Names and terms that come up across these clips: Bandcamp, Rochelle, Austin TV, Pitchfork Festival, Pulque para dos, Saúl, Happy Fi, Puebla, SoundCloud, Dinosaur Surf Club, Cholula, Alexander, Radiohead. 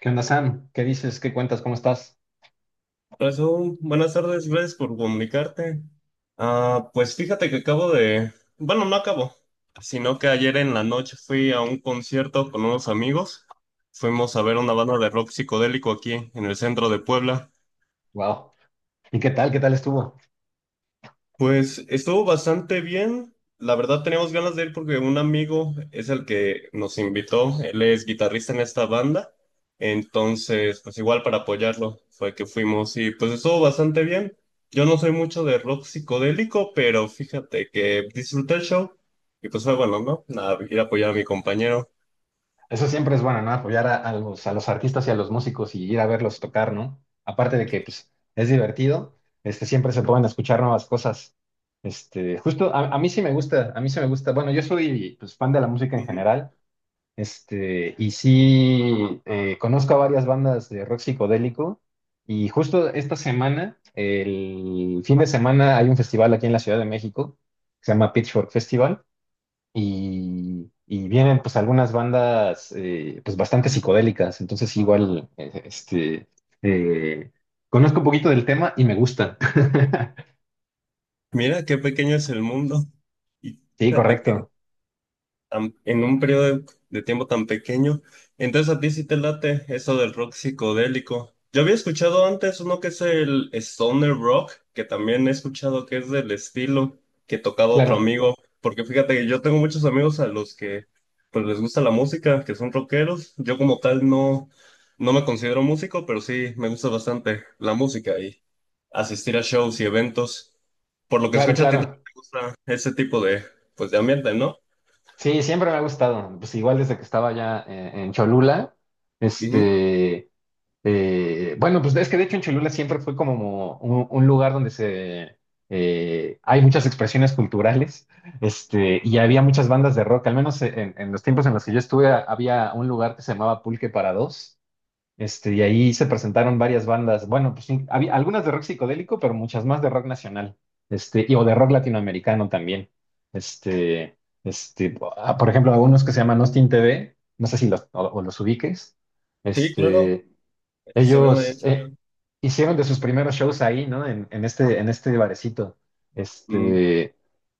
¿Qué onda, Sam? ¿Qué dices? ¿Qué cuentas? ¿Cómo estás? Hola, Saúl. Buenas tardes, gracias por comunicarte. Ah, pues fíjate que bueno, no acabo, sino que ayer en la noche fui a un concierto con unos amigos. Fuimos a ver una banda de rock psicodélico aquí en el centro de Puebla. Wow. ¿Y qué tal? ¿Qué tal estuvo? Pues estuvo bastante bien. La verdad teníamos ganas de ir porque un amigo es el que nos invitó. Él es guitarrista en esta banda. Entonces, pues igual para apoyarlo fue que fuimos y pues estuvo bastante bien. Yo no soy mucho de rock psicodélico, pero fíjate que disfruté el show y pues fue bueno, ¿no? Nada, ir a apoyar a mi compañero. Eso siempre es bueno, ¿no? Apoyar a los artistas y a los músicos y ir a verlos tocar, ¿no? Aparte de que, pues, es divertido, siempre se pueden escuchar nuevas cosas. Justo a mí sí me gusta, a mí sí me gusta. Bueno, yo soy, pues, fan de la música en Ujú. general. Y sí, conozco a varias bandas de rock psicodélico y justo esta semana, el fin de semana, hay un festival aquí en la Ciudad de México que se llama Pitchfork Festival y vienen pues algunas bandas pues bastante psicodélicas, entonces igual, eh, conozco un poquito del tema y me gusta. Mira qué pequeño es el mundo. Y Sí, fíjate correcto, en un periodo de tiempo tan pequeño. Entonces a ti sí te late eso del rock psicodélico. Yo había escuchado antes uno que es el stoner rock, que también he escuchado que es del estilo que tocaba otro claro, amigo, porque fíjate que yo tengo muchos amigos a los que pues les gusta la música, que son rockeros. Yo como tal no, no me considero músico, pero sí me gusta bastante la música y asistir a shows y eventos. Por lo que claro, escucho a ti también claro. te gusta ese tipo de pues de ambiente, ¿no? Sí, siempre me ha gustado. Pues igual desde que estaba allá en Cholula, Ujú. este, bueno, pues es que de hecho en Cholula siempre fue como un lugar donde se hay muchas expresiones culturales, y había muchas bandas de rock. Al menos en los tiempos en los que yo estuve había un lugar que se llamaba Pulque para dos, y ahí se presentaron varias bandas. Bueno, pues sí, había algunas de rock psicodélico, pero muchas más de rock nacional. Y, o de rock latinoamericano también. Por ejemplo, algunos que se llaman Austin TV, no sé si los, o los ubiques. Sí, claro, Este, estoy en Ellos ello. Hicieron de sus primeros shows ahí, ¿no? En este barecito. Este,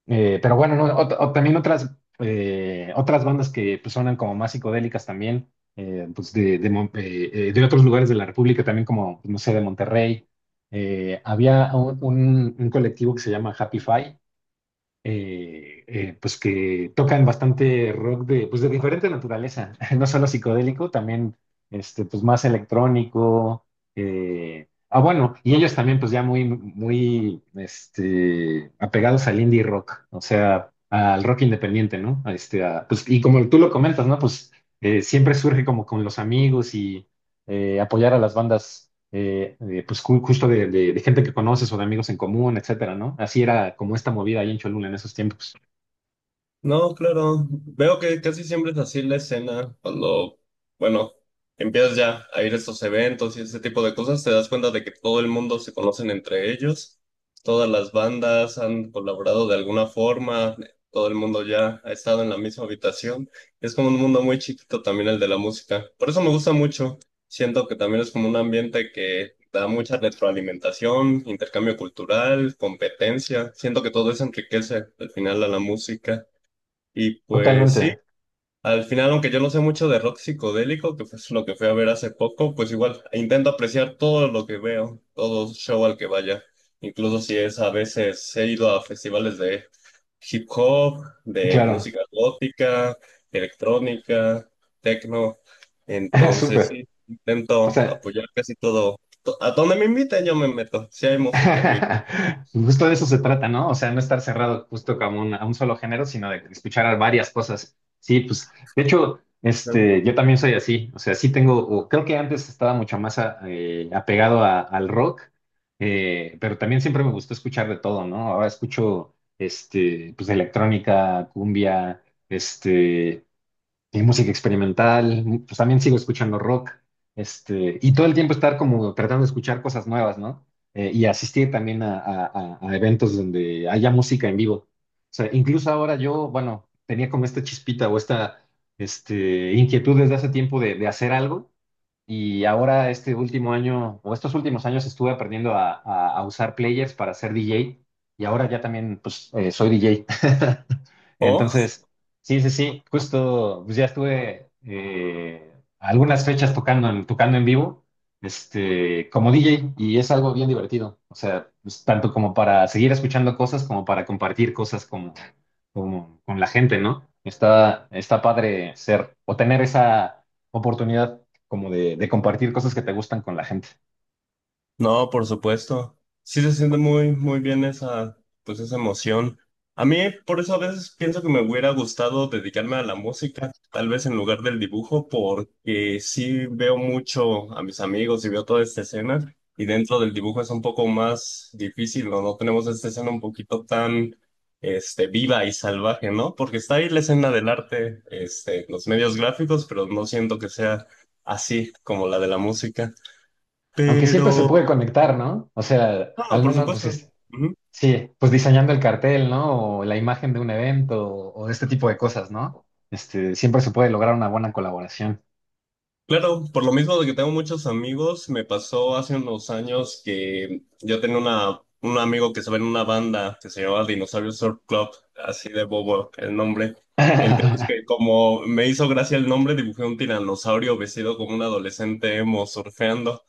pero bueno, no, o también otras, otras bandas que pues, suenan como más psicodélicas también, pues de, de otros lugares de la República, también como, no sé, de Monterrey. Había un colectivo que se llama Happy Fi, pues que tocan bastante rock de, pues de diferente naturaleza, no solo psicodélico, también pues más electrónico. Bueno, y ellos también pues ya muy, muy apegados al indie rock, o sea, al rock independiente, ¿no? Pues, y como tú lo comentas, ¿no? Pues siempre surge como con los amigos y apoyar a las bandas, pues justo de, de gente que conoces o de amigos en común, etcétera, ¿no? Así era como esta movida ahí en Cholula en esos tiempos. No, claro. Veo que casi siempre es así la escena. Cuando, bueno, empiezas ya a ir a estos eventos y ese tipo de cosas, te das cuenta de que todo el mundo se conocen entre ellos. Todas las bandas han colaborado de alguna forma. Todo el mundo ya ha estado en la misma habitación. Es como un mundo muy chiquito también el de la música. Por eso me gusta mucho. Siento que también es como un ambiente que da mucha retroalimentación, intercambio cultural, competencia. Siento que todo eso enriquece al final a la música. Y pues sí, Totalmente, al final, aunque yo no sé mucho de rock psicodélico, que fue lo que fui a ver hace poco, pues igual intento apreciar todo lo que veo, todo show al que vaya. Incluso si es a veces he ido a festivales de hip hop, de claro, música gótica, electrónica, techno. Entonces sí, súper. O intento sea, apoyar casi todo. A donde me inviten yo me meto, si hay música en vivo. justo de eso se trata, ¿no? O sea, no estar cerrado justo como a un solo género, sino de escuchar a varias cosas. Sí, pues, de hecho, Ajá. Yo también soy así. O sea, sí tengo, o creo que antes estaba mucho más apegado al rock, pero también siempre me gustó escuchar de todo, ¿no? Ahora escucho, pues, electrónica, cumbia, este, y música experimental, pues también sigo escuchando rock, y todo el tiempo estar como tratando de escuchar cosas nuevas, ¿no? Y asistir también a, a eventos donde haya música en vivo. O sea, incluso ahora yo, bueno, tenía como esta chispita o esta, inquietud desde hace tiempo de hacer algo y ahora este último año, o estos últimos años, estuve aprendiendo a, a usar players para ser DJ. Y ahora ya también, pues, soy DJ. O Entonces, sí, sí, sí, justo, pues ya estuve algunas fechas tocando en, tocando en vivo, como DJ. Y es algo bien divertido. O sea, pues, tanto como para seguir escuchando cosas, como para compartir cosas como, como con la gente, ¿no? Está, está padre ser o tener esa oportunidad como de compartir cosas que te gustan con la gente. No, por supuesto. Sí se siente muy, muy bien esa, pues esa emoción. A mí, por eso a veces pienso que me hubiera gustado dedicarme a la música, tal vez en lugar del dibujo, porque sí veo mucho a mis amigos y veo toda esta escena, y dentro del dibujo es un poco más difícil, ¿no? No tenemos esta escena un poquito tan, este, viva y salvaje, ¿no? Porque está ahí la escena del arte, este, los medios gráficos, pero no siento que sea así como la de la música. Aunque siempre se Pero puede conectar, ¿no? O sea, no, al por menos, pues supuesto. Ujú. sí, pues diseñando el cartel, ¿no? O la imagen de un evento o este tipo de cosas, ¿no? Siempre se puede lograr una buena colaboración. Claro, por lo mismo de que tengo muchos amigos, me pasó hace unos años que yo tenía una, un amigo que estaba en una banda que se llamaba Dinosaur Surf Club, así de bobo el nombre. El caso es que como me hizo gracia el nombre, dibujé un tiranosaurio vestido como un adolescente emo surfeando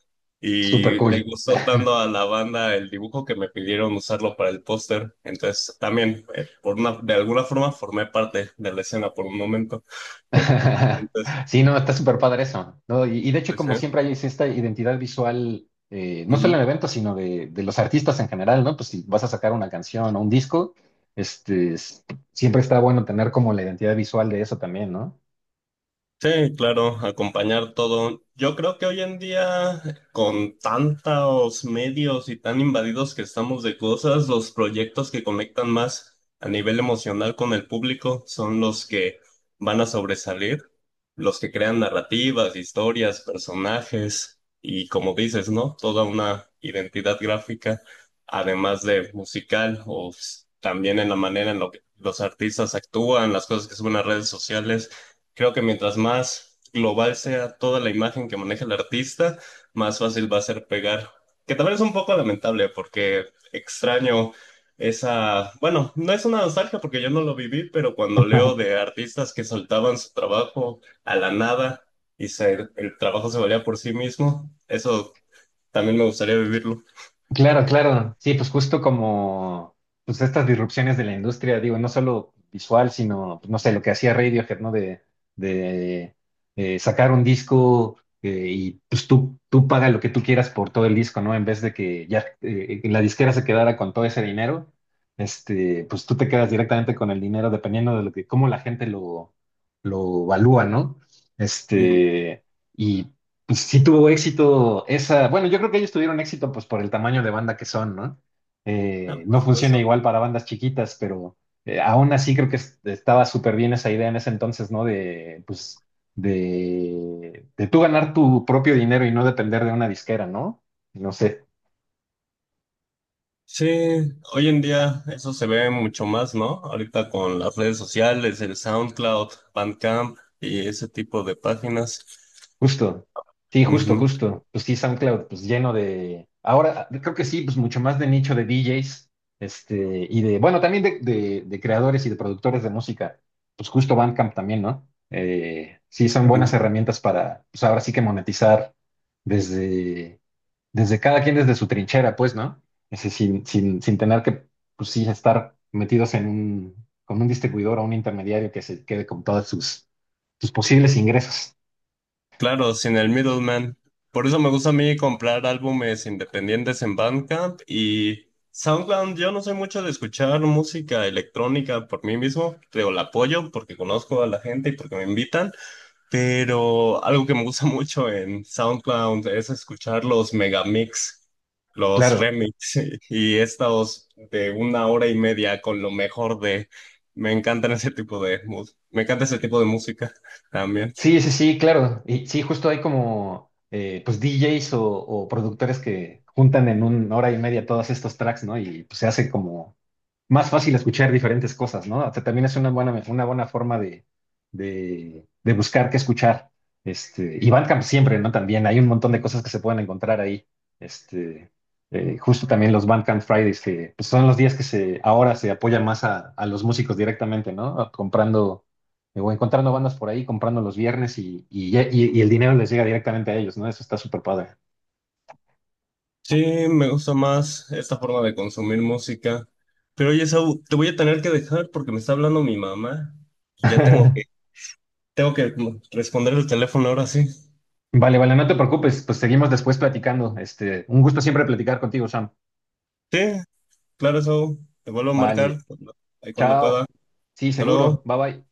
Súper y le cool. gustó tanto a la banda el dibujo que me pidieron usarlo para el póster. Entonces también, por una, de alguna forma, formé parte de la escena por un momento. Entonces, Sí, no, está súper padre eso, ¿no? Y de hecho, pues sí. como siempre hay es esta identidad visual, no Ujú. solo en eventos, sino de los artistas en general, ¿no? Pues si vas a sacar una canción o un disco, este, s- siempre está bueno tener como la identidad visual de eso también, ¿no? Sí, claro, acompañar todo. Yo creo que hoy en día, con tantos medios y tan invadidos que estamos de cosas, los proyectos que conectan más a nivel emocional con el público son los que van a sobresalir, los que crean narrativas, historias, personajes y, como dices, ¿no? Toda una identidad gráfica, además de musical o s- también en la manera en la que los artistas actúan, las cosas que suben a redes sociales. Creo que mientras más global sea toda la imagen que maneja el artista, más fácil va a ser pegar. Que también es un poco lamentable porque extraño esa, bueno, no es una nostalgia porque yo no lo viví, pero cuando leo de artistas que soltaban su trabajo a la nada y se- el trabajo se valía por sí mismo, eso también me gustaría vivirlo. Claro, claro. Sí, pues justo como pues estas disrupciones de la industria, digo, no solo visual, sino, pues, no sé, lo que hacía Radiohead, ¿no? De sacar un disco, y pues tú paga lo que tú quieras por todo el disco, ¿no? En vez de que ya la disquera se quedara con todo ese dinero, pues tú te quedas directamente con el dinero dependiendo de lo que, cómo la gente lo valúa, ¿no? Ujú. Este... Y Sí tuvo éxito esa, bueno, yo creo que ellos tuvieron éxito pues por el tamaño de banda que son, ¿no? Ah, por No funciona supuesto. igual para bandas chiquitas, pero aún así creo que estaba súper bien esa idea en ese entonces, ¿no? De, pues, de tú ganar tu propio dinero y no depender de una disquera, ¿no? No sé. Sí, hoy en día eso se ve mucho más, ¿no? Ahorita con las redes sociales, el SoundCloud, Bandcamp y ese tipo de páginas. Justo, sí, justo, Ujú, justo. Pues sí, SoundCloud, pues lleno de. Ahora creo que sí, pues mucho más de nicho de DJs, y de, bueno, también de, de creadores y de productores de música. Pues justo Bandcamp también, ¿no? Sí, son buenas ujú. herramientas para, pues ahora sí que monetizar desde, desde cada quien desde su trinchera, pues, ¿no? Ese, sin, sin, sin tener que, pues sí, estar metidos en un, con un distribuidor o un intermediario que se quede con todos sus, sus posibles ingresos. Claro, sin el middleman. Por eso me gusta a mí comprar álbumes independientes en Bandcamp y SoundCloud. Yo no soy mucho de escuchar música electrónica por mí mismo, pero la apoyo porque conozco a la gente y porque me invitan. Pero algo que me gusta mucho en SoundCloud es escuchar los megamix, los Claro. remix y estos de una hora y media con lo mejor de... Me encantan ese tipo de me encanta ese tipo de música también. Sí, sí, sí, claro. Y sí, justo hay como pues DJs o productores que juntan en 1 hora y media todos estos tracks, ¿no? Y pues se hace como más fácil escuchar diferentes cosas, ¿no? O sea, también es una buena forma de buscar qué escuchar. Y Bandcamp siempre, ¿no? También hay un montón de cosas que se pueden encontrar ahí. Este, Justo también los Bandcamp Fridays, que pues, son los días que se, ahora se apoyan más a los músicos directamente, ¿no? A comprando o encontrando bandas por ahí, comprando los viernes y, y el dinero les llega directamente a ellos, ¿no? Eso está súper padre. Sí, me gusta más esta forma de consumir música. Pero oye, Saúl, te voy a tener que dejar porque me está hablando mi mamá y ya tengo que tengo que responder el teléfono ahora sí. Vale, vale, no te preocupes, pues seguimos después platicando. Un gusto siempre platicar contigo, Sam. Sí, claro, Saúl, te vuelvo a marcar Vale, cuando- ahí cuando pueda. chao. Sí, Hasta luego. seguro. Bye bye.